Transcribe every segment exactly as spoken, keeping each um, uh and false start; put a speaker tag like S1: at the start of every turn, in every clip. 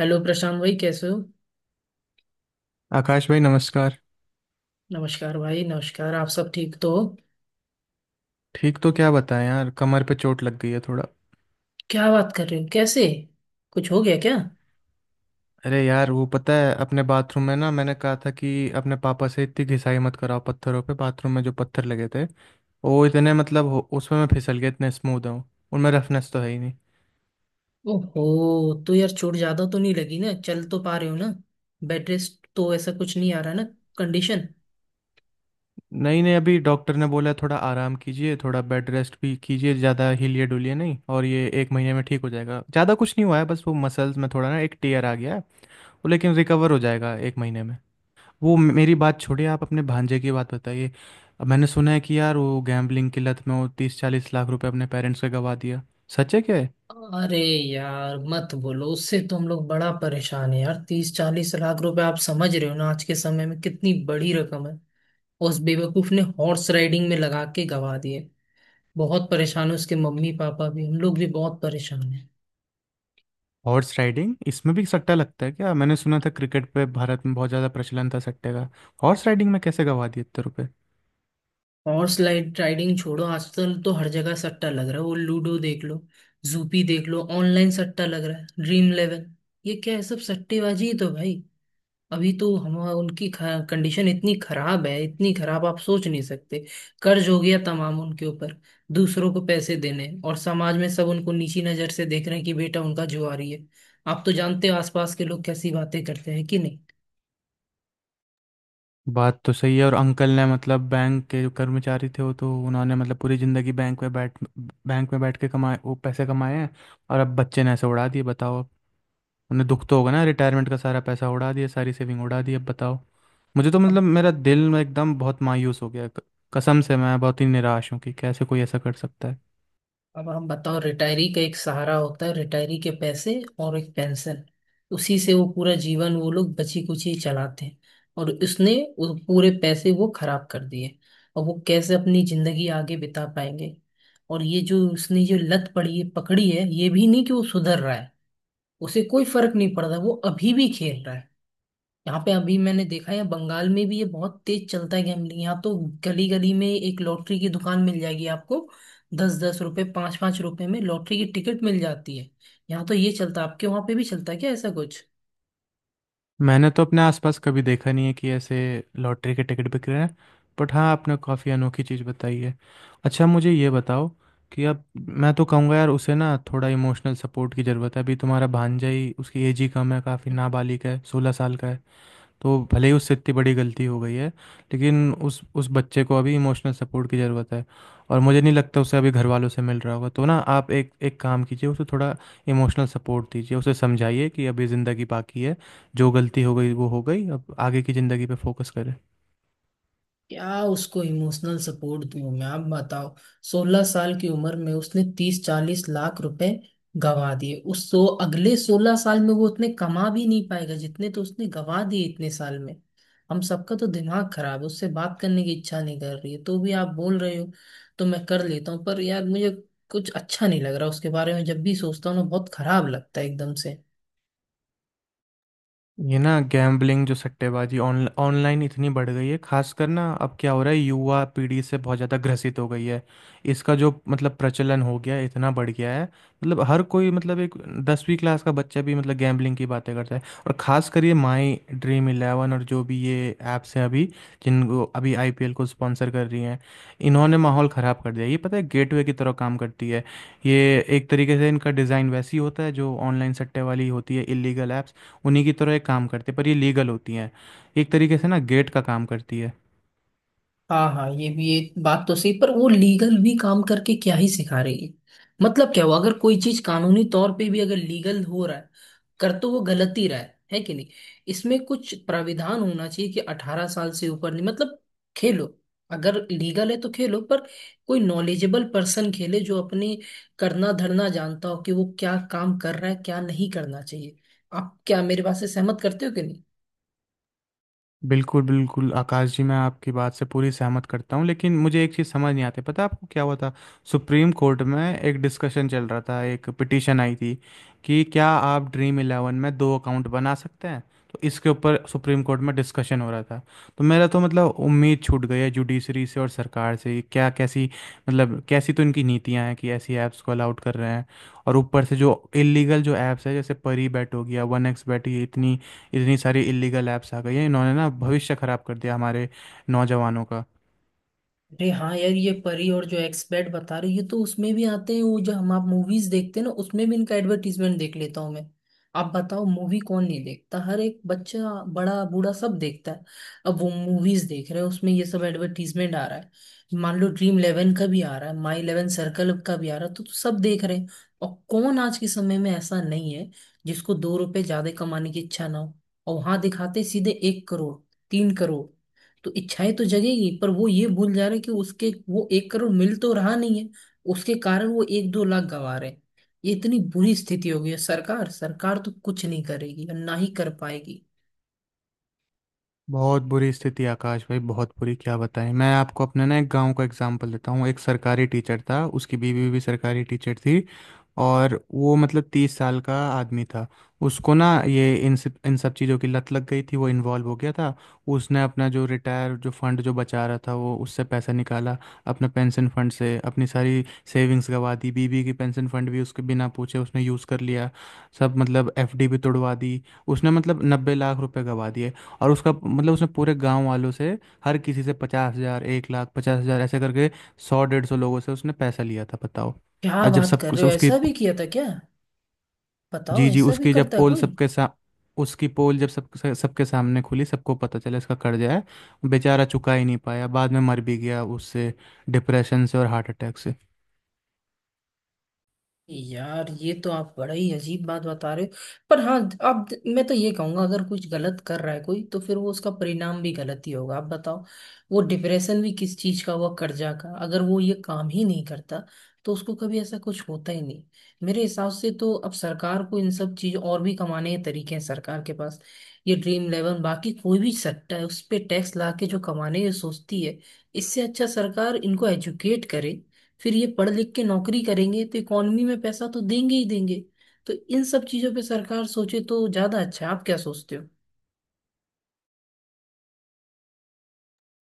S1: Hello Prashant भाई, कैसे हो?
S2: आकाश भाई नमस्कार।
S1: नमस्कार भाई, नमस्कार। आप सब ठीक तो हो?
S2: ठीक तो क्या बताएं यार, कमर पे चोट लग गई है थोड़ा।
S1: क्या बात कर रहे हो, कैसे कुछ हो गया क्या?
S2: अरे यार वो पता है अपने बाथरूम में ना, मैंने कहा था कि अपने पापा से इतनी घिसाई मत कराओ पत्थरों पे। बाथरूम में जो पत्थर लगे थे वो इतने मतलब हो- उसमें मैं फिसल गया, इतने स्मूथ हूँ उनमें रफनेस तो है ही नहीं।
S1: ओहो, तो यार चोट ज्यादा तो नहीं लगी ना? चल तो पा रहे हो ना? बेड रेस्ट तो ऐसा कुछ नहीं आ रहा ना, कंडीशन?
S2: नहीं नहीं, अभी डॉक्टर ने बोला है, थोड़ा आराम कीजिए, थोड़ा बेड रेस्ट भी कीजिए, ज़्यादा हिलिए डुलिए नहीं, और ये एक महीने में ठीक हो जाएगा, ज़्यादा कुछ नहीं हुआ है, बस वो मसल्स में थोड़ा ना एक टेयर आ गया है वो। लेकिन रिकवर हो जाएगा एक महीने में। वो मे- मेरी बात छोड़िए, आप अपने भांजे की बात बताइए। अब मैंने सुना है कि यार वो गैम्बलिंग की लत में वो तीस चालीस लाख रुपए अपने पेरेंट्स के गवा दिया, सच है क्या है?
S1: अरे यार, मत बोलो, उससे तो हम लोग बड़ा परेशान है यार। तीस चालीस लाख रुपए, आप समझ रहे हो ना आज के समय में कितनी बड़ी रकम है। उस बेवकूफ ने हॉर्स राइडिंग में लगा के गवा दिए। बहुत परेशान है, उसके मम्मी पापा भी, हम लोग भी बहुत परेशान है।
S2: हॉर्स राइडिंग इसमें भी सट्टा लगता है क्या? मैंने सुना था क्रिकेट पे भारत में बहुत ज़्यादा प्रचलन था सट्टे का। हॉर्स राइडिंग में कैसे गवा दिए इतने रुपए?
S1: हॉर्स लाइड राइडिंग छोड़ो, आजकल तो हर जगह सट्टा लग रहा है। वो लूडो देख लो, जूपी देख लो, ऑनलाइन सट्टा लग रहा है। ड्रीम इलेवन, ये क्या है, सब सट्टेबाजी ही तो भाई। अभी तो हम, उनकी कंडीशन इतनी खराब है, इतनी खराब आप सोच नहीं सकते। कर्ज हो गया तमाम उनके ऊपर, दूसरों को पैसे देने। और समाज में सब उनको नीची नजर से देख रहे हैं कि बेटा उनका जुआरी है। आप तो जानते हो आसपास के लोग कैसी बातें करते हैं, कि नहीं?
S2: बात तो सही है। और अंकल ने मतलब बैंक के जो कर्मचारी थे, वो तो उन्होंने मतलब पूरी ज़िंदगी बैंक में बैठ बैंक में बैठ के कमाए, वो पैसे कमाए हैं। और अब बच्चे ने ऐसे उड़ा दिए बताओ अब। उन्हें दुख तो होगा ना, रिटायरमेंट का सारा पैसा उड़ा दिया, सारी सेविंग उड़ा दी अब बताओ। मुझे तो
S1: अब
S2: मतलब मेरा दिल में एकदम बहुत मायूस हो गया, क- कसम से मैं बहुत ही निराश हूँ कि कैसे कोई ऐसा कर सकता है।
S1: अब हम बताओ, रिटायरी का एक सहारा होता है, रिटायरी के पैसे और एक पेंशन। उसी से वो पूरा जीवन, वो लोग बची कुची चलाते हैं। और उसने वो पूरे पैसे वो खराब कर दिए। और वो कैसे अपनी जिंदगी आगे बिता पाएंगे? और ये जो उसने जो लत पड़ी है, पकड़ी है, ये भी नहीं कि वो सुधर रहा है। उसे कोई फर्क नहीं पड़ रहा, वो अभी भी खेल रहा है। यहाँ पे अभी मैंने देखा है, बंगाल में भी ये बहुत तेज चलता है गैम्बलिंग यहाँ तो। गली गली में एक लॉटरी की दुकान मिल जाएगी आपको। दस दस रुपए, पांच पांच रुपए में लॉटरी की टिकट मिल जाती है। यहाँ तो ये चलता है, आपके वहां पे भी चलता है क्या ऐसा कुछ?
S2: मैंने तो अपने आसपास कभी देखा नहीं है कि ऐसे लॉटरी के टिकट बिक रहे हैं। बट हाँ, आपने काफ़ी अनोखी चीज़ बताई है। अच्छा मुझे ये बताओ कि अब मैं तो कहूँगा यार उसे ना थोड़ा इमोशनल सपोर्ट की ज़रूरत है, अभी तुम्हारा भांजा ही उसकी एज ही कम है, काफ़ी नाबालिग है, सोलह साल का है। तो भले ही उससे इतनी बड़ी गलती हो गई है, लेकिन उस उस बच्चे को अभी इमोशनल सपोर्ट की ज़रूरत है, और मुझे नहीं लगता उसे अभी घर वालों से मिल रहा होगा। तो ना आप एक एक काम कीजिए, उसे थोड़ा इमोशनल सपोर्ट दीजिए, उसे समझाइए कि अभी ज़िंदगी बाकी है, जो गलती हो गई वो हो गई, अब आगे की ज़िंदगी पे फोकस करें।
S1: क्या उसको इमोशनल सपोर्ट दूं मैं, आप बताओ। सोलह साल की उम्र में उसने तीस चालीस लाख रुपए गंवा दिए। उस तो अगले सोलह साल में वो उतने कमा भी नहीं पाएगा जितने तो उसने गंवा दिए इतने साल में। हम सबका तो दिमाग खराब है, उससे बात करने की इच्छा नहीं कर रही है, तो भी आप बोल रहे हो तो मैं कर लेता हूँ। पर यार मुझे कुछ अच्छा नहीं लग रहा, उसके बारे में जब भी सोचता हूँ ना बहुत खराब लगता है एकदम से।
S2: ये ना गैम्बलिंग जो सट्टेबाजी ऑन ऑनलाइन इतनी बढ़ गई है, खासकर ना अब क्या हो रहा है युवा पीढ़ी से बहुत ज़्यादा ग्रसित हो गई है। इसका जो मतलब प्रचलन हो गया है इतना बढ़ गया है, मतलब हर कोई, मतलब एक दसवीं क्लास का बच्चा भी मतलब गैम्बलिंग की बातें करता है। और खासकर ये माई ड्रीम इलेवन और जो भी ये ऐप्स हैं अभी जिनको अभी आईपीएल को स्पॉन्सर कर रही हैं, इन्होंने माहौल ख़राब कर दिया। ये पता है गेटवे की तरह काम करती है ये, एक तरीके से इनका डिज़ाइन वैसी होता है जो ऑनलाइन सट्टे वाली होती है, इलीगल ऐप्स, उन्हीं की तरह एक काम करती है, पर ये लीगल होती हैं। एक तरीके से ना गेट का काम करती है।
S1: हाँ हाँ, ये भी, ये बात तो सही, पर वो लीगल भी काम करके क्या ही सिखा रही है? मतलब क्या हुआ अगर कोई चीज कानूनी तौर पे भी अगर लीगल हो रहा है, कर तो वो गलत ही रहा है है कि नहीं? इसमें कुछ प्राविधान होना चाहिए कि अठारह साल से ऊपर नहीं, मतलब खेलो। अगर लीगल है तो खेलो, पर कोई नॉलेजेबल पर्सन खेले, जो अपने करना धरना जानता हो कि वो क्या काम कर रहा है, क्या नहीं करना चाहिए। आप क्या मेरे बात से सहमत करते हो कि?
S2: बिल्कुल, बिल्कुल, आकाश जी, मैं आपकी बात से पूरी सहमत करता हूँ, लेकिन मुझे एक चीज़ समझ नहीं आती, पता है आपको क्या हुआ था? सुप्रीम कोर्ट में एक डिस्कशन चल रहा था, एक पिटीशन आई थी कि क्या आप ड्रीम इलेवन में दो अकाउंट बना सकते हैं? तो इसके ऊपर सुप्रीम कोर्ट में डिस्कशन हो रहा था। तो मेरा तो मतलब उम्मीद छूट गई है जुडिशरी से और सरकार से। क्या कैसी मतलब कैसी तो इनकी नीतियाँ हैं कि ऐसी ऐप्स को अलाउड कर रहे हैं? और ऊपर से जो इलीगल जो ऐप्स है, जैसे परी बैट हो गया, वन एक्स बैट, ये इतनी इतनी सारी इलीगल ऐप्स आ गई हैं, इन्होंने ना भविष्य खराब कर दिया हमारे नौजवानों का।
S1: अरे हाँ यार, ये परी और जो एक्सपेट बता रहे हो, ये तो उसमें भी आते हैं। वो जो हम आप मूवीज देखते हैं ना, उसमें भी इनका एडवर्टीजमेंट देख लेता हूँ मैं। आप बताओ, मूवी कौन नहीं देखता? हर एक बच्चा, बड़ा, बूढ़ा, सब देखता है। अब वो मूवीज देख रहे हैं, उसमें ये सब एडवर्टीजमेंट आ रहा है, मान लो ड्रीम इलेवन का भी आ रहा है, माई इलेवन सर्कल का भी आ रहा है, तो, तो सब देख रहे हैं। और कौन आज के समय में ऐसा नहीं है जिसको दो रुपए ज्यादा कमाने की इच्छा ना हो। और वहां दिखाते सीधे एक करोड़, तीन करोड़। तो इच्छाएं तो जगेगी, पर वो ये भूल जा रहे हैं कि उसके वो एक करोड़ मिल तो रहा नहीं है, उसके कारण वो एक दो लाख गंवा रहे हैं। ये इतनी बुरी स्थिति हो गई है, सरकार सरकार तो कुछ नहीं करेगी और ना ही कर पाएगी।
S2: बहुत बुरी स्थिति आकाश भाई, बहुत बुरी, क्या बताएं। मैं आपको अपने ना एक गांव का एग्जांपल देता हूँ, एक सरकारी टीचर था, उसकी बीवी भी सरकारी टीचर थी, और वो मतलब तीस साल का आदमी था। उसको ना ये इन सब इन सब चीज़ों की लत लग गई थी, वो इन्वॉल्व हो गया था। उसने अपना जो रिटायर जो फंड जो बचा रहा था वो उससे पैसा निकाला, अपना पेंशन फंड से अपनी सारी सेविंग्स गवा दी, बीबी की पेंशन फंड भी उसके बिना पूछे उसने यूज़ कर लिया, सब, मतलब एफडी भी तोड़वा दी। उसने मतलब नब्बे लाख रुपए गवा दिए। और उसका मतलब उसने पूरे गांव वालों से, हर किसी से पचास हजार एक लाख पचास हजार ऐसे करके सौ डेढ़ सौ लोगों से उसने पैसा लिया था बताओ।
S1: क्या
S2: और जब
S1: बात कर
S2: सब
S1: रहे
S2: सब
S1: हो,
S2: उसकी,
S1: ऐसा भी किया था क्या? बताओ,
S2: जी जी,
S1: ऐसा भी
S2: उसकी जब
S1: करता है
S2: पोल
S1: कोई?
S2: सबके सा उसकी पोल जब सब सब- सबके सामने खुली, सबको पता चला इसका कर्जा है, बेचारा चुका ही नहीं पाया, बाद में मर भी गया उससे, डिप्रेशन से और हार्ट अटैक से।
S1: यार ये तो आप बड़ा ही अजीब बात बता रहे हो। पर हाँ, आप, मैं तो ये कहूंगा, अगर कुछ गलत कर रहा है कोई, तो फिर वो उसका परिणाम भी गलत ही होगा। आप बताओ, वो डिप्रेशन भी किस चीज का हुआ? कर्जा का। अगर वो ये काम ही नहीं करता, तो उसको कभी ऐसा कुछ होता ही नहीं। मेरे हिसाब से तो अब सरकार को इन सब चीज, और भी कमाने के तरीके हैं सरकार के पास। ये ड्रीम इलेवन, बाकी कोई भी सेक्टर है, उस पे टैक्स ला के जो कमाने ये सोचती है, इससे अच्छा सरकार इनको एजुकेट करे। फिर ये पढ़ लिख के नौकरी करेंगे तो इकोनॉमी में पैसा तो देंगे ही देंगे। तो इन सब चीजों पे सरकार सोचे तो ज्यादा अच्छा है, आप क्या सोचते हो?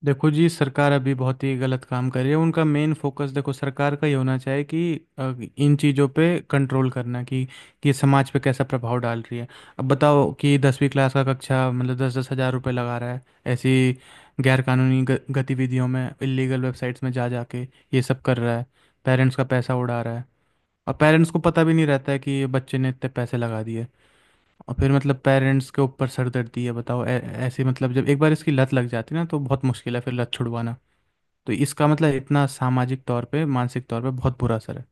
S2: देखो जी, सरकार अभी बहुत ही गलत काम कर रही है। उनका मेन फोकस, देखो, सरकार का ही होना चाहिए कि अ, इन चीज़ों पे कंट्रोल करना, कि कि समाज पे कैसा प्रभाव डाल रही है। अब बताओ कि दसवीं क्लास का कक्षा मतलब दस दस हज़ार रुपये लगा रहा है, ऐसी गैरकानूनी ग- गतिविधियों में, इलीगल वेबसाइट्स में जा जाके ये सब कर रहा है, पेरेंट्स का पैसा उड़ा रहा है, और पेरेंट्स को पता भी नहीं रहता है कि बच्चे ने इतने पैसे लगा दिए, और फिर मतलब पेरेंट्स के ऊपर सरदर्दी है बताओ। ऐ- ऐसे मतलब जब एक बार इसकी लत लग जाती है ना तो बहुत मुश्किल है फिर लत छुड़वाना। तो इसका मतलब इतना सामाजिक तौर पे मानसिक तौर पे बहुत बुरा असर है।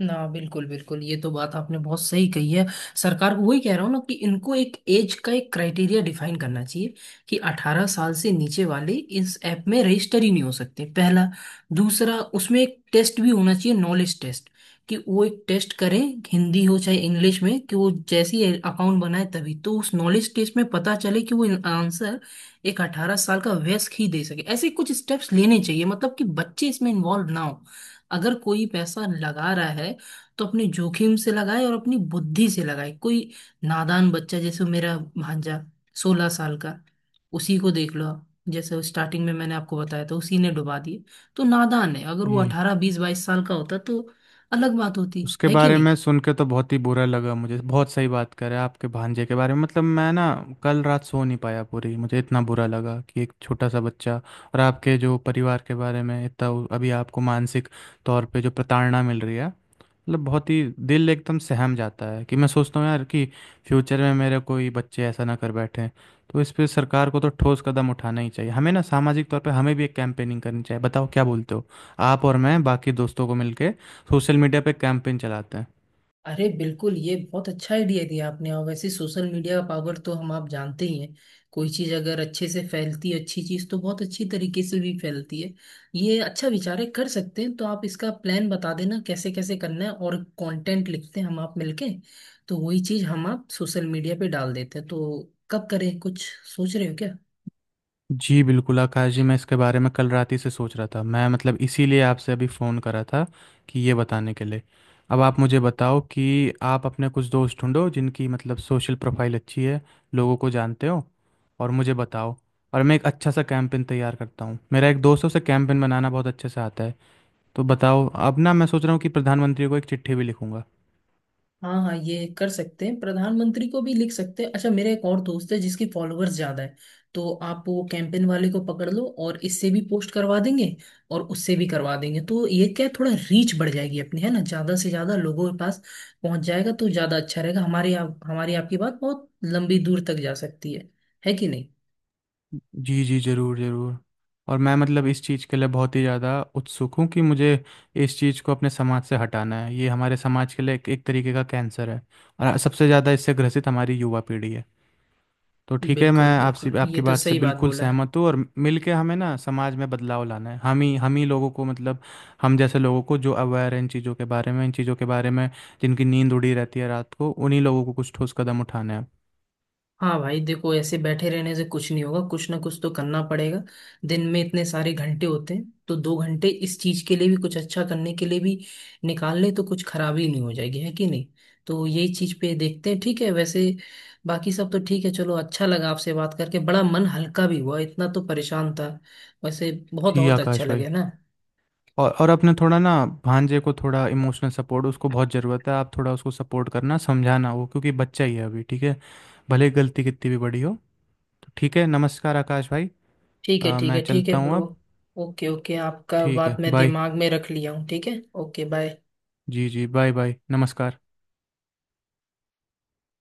S1: ना, बिल्कुल बिल्कुल, ये तो बात आपने बहुत सही कही है। सरकार को वही कह रहा हूँ ना, कि इनको एक एज का एक क्राइटेरिया डिफाइन करना चाहिए कि अठारह साल से नीचे वाले इस ऐप में रजिस्टर ही नहीं हो सकते, पहला। दूसरा, उसमें एक टेस्ट भी होना चाहिए, नॉलेज टेस्ट, कि वो एक टेस्ट करें, हिंदी हो चाहे इंग्लिश में, कि वो जैसी अकाउंट बनाए, तभी तो उस नॉलेज टेस्ट में पता चले कि वो आंसर एक अठारह साल का वयस्क ही दे सके। ऐसे कुछ स्टेप्स लेने चाहिए, मतलब कि बच्चे इसमें इन्वॉल्व ना हो। अगर कोई पैसा लगा रहा है तो अपने जोखिम से लगाए और अपनी बुद्धि से लगाए, कोई नादान बच्चा जैसे मेरा भांजा, सोलह साल का, उसी को देख लो आप। जैसे स्टार्टिंग में मैंने आपको बताया था, उसी ने डुबा दिए। तो नादान है, अगर वो
S2: जी,
S1: अठारह, बीस, बाईस साल का होता तो अलग बात होती,
S2: उसके
S1: है कि
S2: बारे
S1: नहीं?
S2: में सुन के तो बहुत ही बुरा लगा मुझे, बहुत सही बात करे आपके भांजे के बारे में। मतलब मैं ना कल रात सो नहीं पाया पूरी, मुझे इतना बुरा लगा कि एक छोटा सा बच्चा, और आपके जो परिवार के बारे में इतना, अभी आपको मानसिक तौर पे जो प्रताड़ना मिल रही है, मतलब बहुत ही दिल एकदम सहम जाता है कि मैं सोचता हूँ यार कि फ्यूचर में मेरे कोई बच्चे ऐसा ना कर बैठे। तो इस पे सरकार को तो ठोस कदम उठाना ही चाहिए, हमें ना सामाजिक तौर पे हमें भी एक कैंपेनिंग करनी चाहिए, बताओ क्या बोलते हो? आप और मैं बाकी दोस्तों को मिलके सोशल मीडिया पे कैंपेन चलाते हैं।
S1: अरे बिल्कुल, ये बहुत अच्छा आइडिया दिया आपने। और वैसे सोशल मीडिया का पावर तो हम आप जानते ही हैं, कोई चीज़ अगर अच्छे से फैलती है, अच्छी चीज़, तो बहुत अच्छी तरीके से भी फैलती है। ये अच्छा विचार है, कर सकते हैं। तो आप इसका प्लान बता देना कैसे कैसे करना है, और कंटेंट लिखते हैं हम आप मिलके। तो वही चीज़ हम आप सोशल मीडिया पे डाल देते हैं। तो कब करें, कुछ सोच रहे हो क्या?
S2: जी बिल्कुल आकाश जी, मैं इसके बारे में कल रात ही से सोच रहा था, मैं मतलब इसीलिए आपसे अभी फ़ोन करा था कि ये बताने के लिए। अब आप मुझे बताओ कि आप अपने कुछ दोस्त ढूंढो जिनकी मतलब सोशल प्रोफाइल अच्छी है, लोगों को जानते हो, और मुझे बताओ, और मैं एक अच्छा सा कैंपेन तैयार करता हूँ, मेरा एक दोस्त है उसे कैंपेन बनाना बहुत अच्छे से आता है। तो बताओ, अब ना मैं सोच रहा हूँ कि प्रधानमंत्री को एक चिट्ठी भी लिखूंगा।
S1: हाँ हाँ, ये कर सकते हैं, प्रधानमंत्री को भी लिख सकते हैं। अच्छा, मेरा एक और दोस्त है जिसकी फॉलोअर्स ज्यादा है, तो आप वो कैंपेन वाले को पकड़ लो और इससे भी पोस्ट करवा देंगे, और उससे भी करवा देंगे। तो ये क्या है, थोड़ा रीच बढ़ जाएगी अपनी, है ना? ज्यादा से ज्यादा लोगों के पास पहुंच जाएगा तो ज्यादा अच्छा रहेगा। हमारी आप हमारी आपकी बात बहुत लंबी दूर तक जा सकती है है कि नहीं?
S2: जी जी, ज़रूर ज़रूर। और मैं मतलब इस चीज़ के लिए बहुत ही ज़्यादा उत्सुक हूँ कि मुझे इस चीज़ को अपने समाज से हटाना है, ये हमारे समाज के लिए एक, एक तरीके का कैंसर है, और सबसे ज़्यादा इससे ग्रसित हमारी युवा पीढ़ी है। तो ठीक है, मैं
S1: बिल्कुल
S2: आपसे,
S1: बिल्कुल, ये
S2: आपकी
S1: तो
S2: बात से
S1: सही बात
S2: बिल्कुल
S1: बोला है।
S2: सहमत हूँ। और मिलके हमें ना समाज में बदलाव लाना है, हम ही हम ही लोगों को मतलब हम जैसे लोगों को जो अवेयर है इन चीज़ों के बारे में, इन चीज़ों के बारे में जिनकी नींद उड़ी रहती है रात को, उन्हीं लोगों को कुछ ठोस कदम उठाने हैं।
S1: हाँ भाई, देखो ऐसे बैठे रहने से कुछ नहीं होगा, कुछ ना कुछ तो करना पड़ेगा। दिन में इतने सारे घंटे होते हैं, तो दो घंटे इस चीज के लिए भी, कुछ अच्छा करने के लिए भी निकाल ले तो कुछ खराबी नहीं हो जाएगी, है कि नहीं? तो यही चीज पे देखते हैं, ठीक है। वैसे बाकी सब तो ठीक है, चलो अच्छा लगा आपसे बात करके। बड़ा मन हल्का भी हुआ, इतना तो परेशान था वैसे। बहुत
S2: जी
S1: बहुत अच्छा
S2: आकाश भाई,
S1: लगे ना।
S2: और और अपने थोड़ा ना भांजे को थोड़ा इमोशनल सपोर्ट उसको बहुत ज़रूरत है, आप थोड़ा उसको सपोर्ट करना समझाना वो, क्योंकि बच्चा ही है अभी, ठीक है? भले गलती कितनी भी बड़ी हो। तो ठीक है, नमस्कार आकाश भाई।
S1: ठीक है,
S2: अ,
S1: ठीक
S2: मैं
S1: है, ठीक है
S2: चलता हूँ
S1: ब्रो।
S2: अब।
S1: ओके ओके, आपका
S2: ठीक
S1: बात
S2: है,
S1: मैं
S2: बाय।
S1: दिमाग में रख लिया हूँ, ठीक है। Okay, bye.
S2: जी जी, बाय बाय, नमस्कार।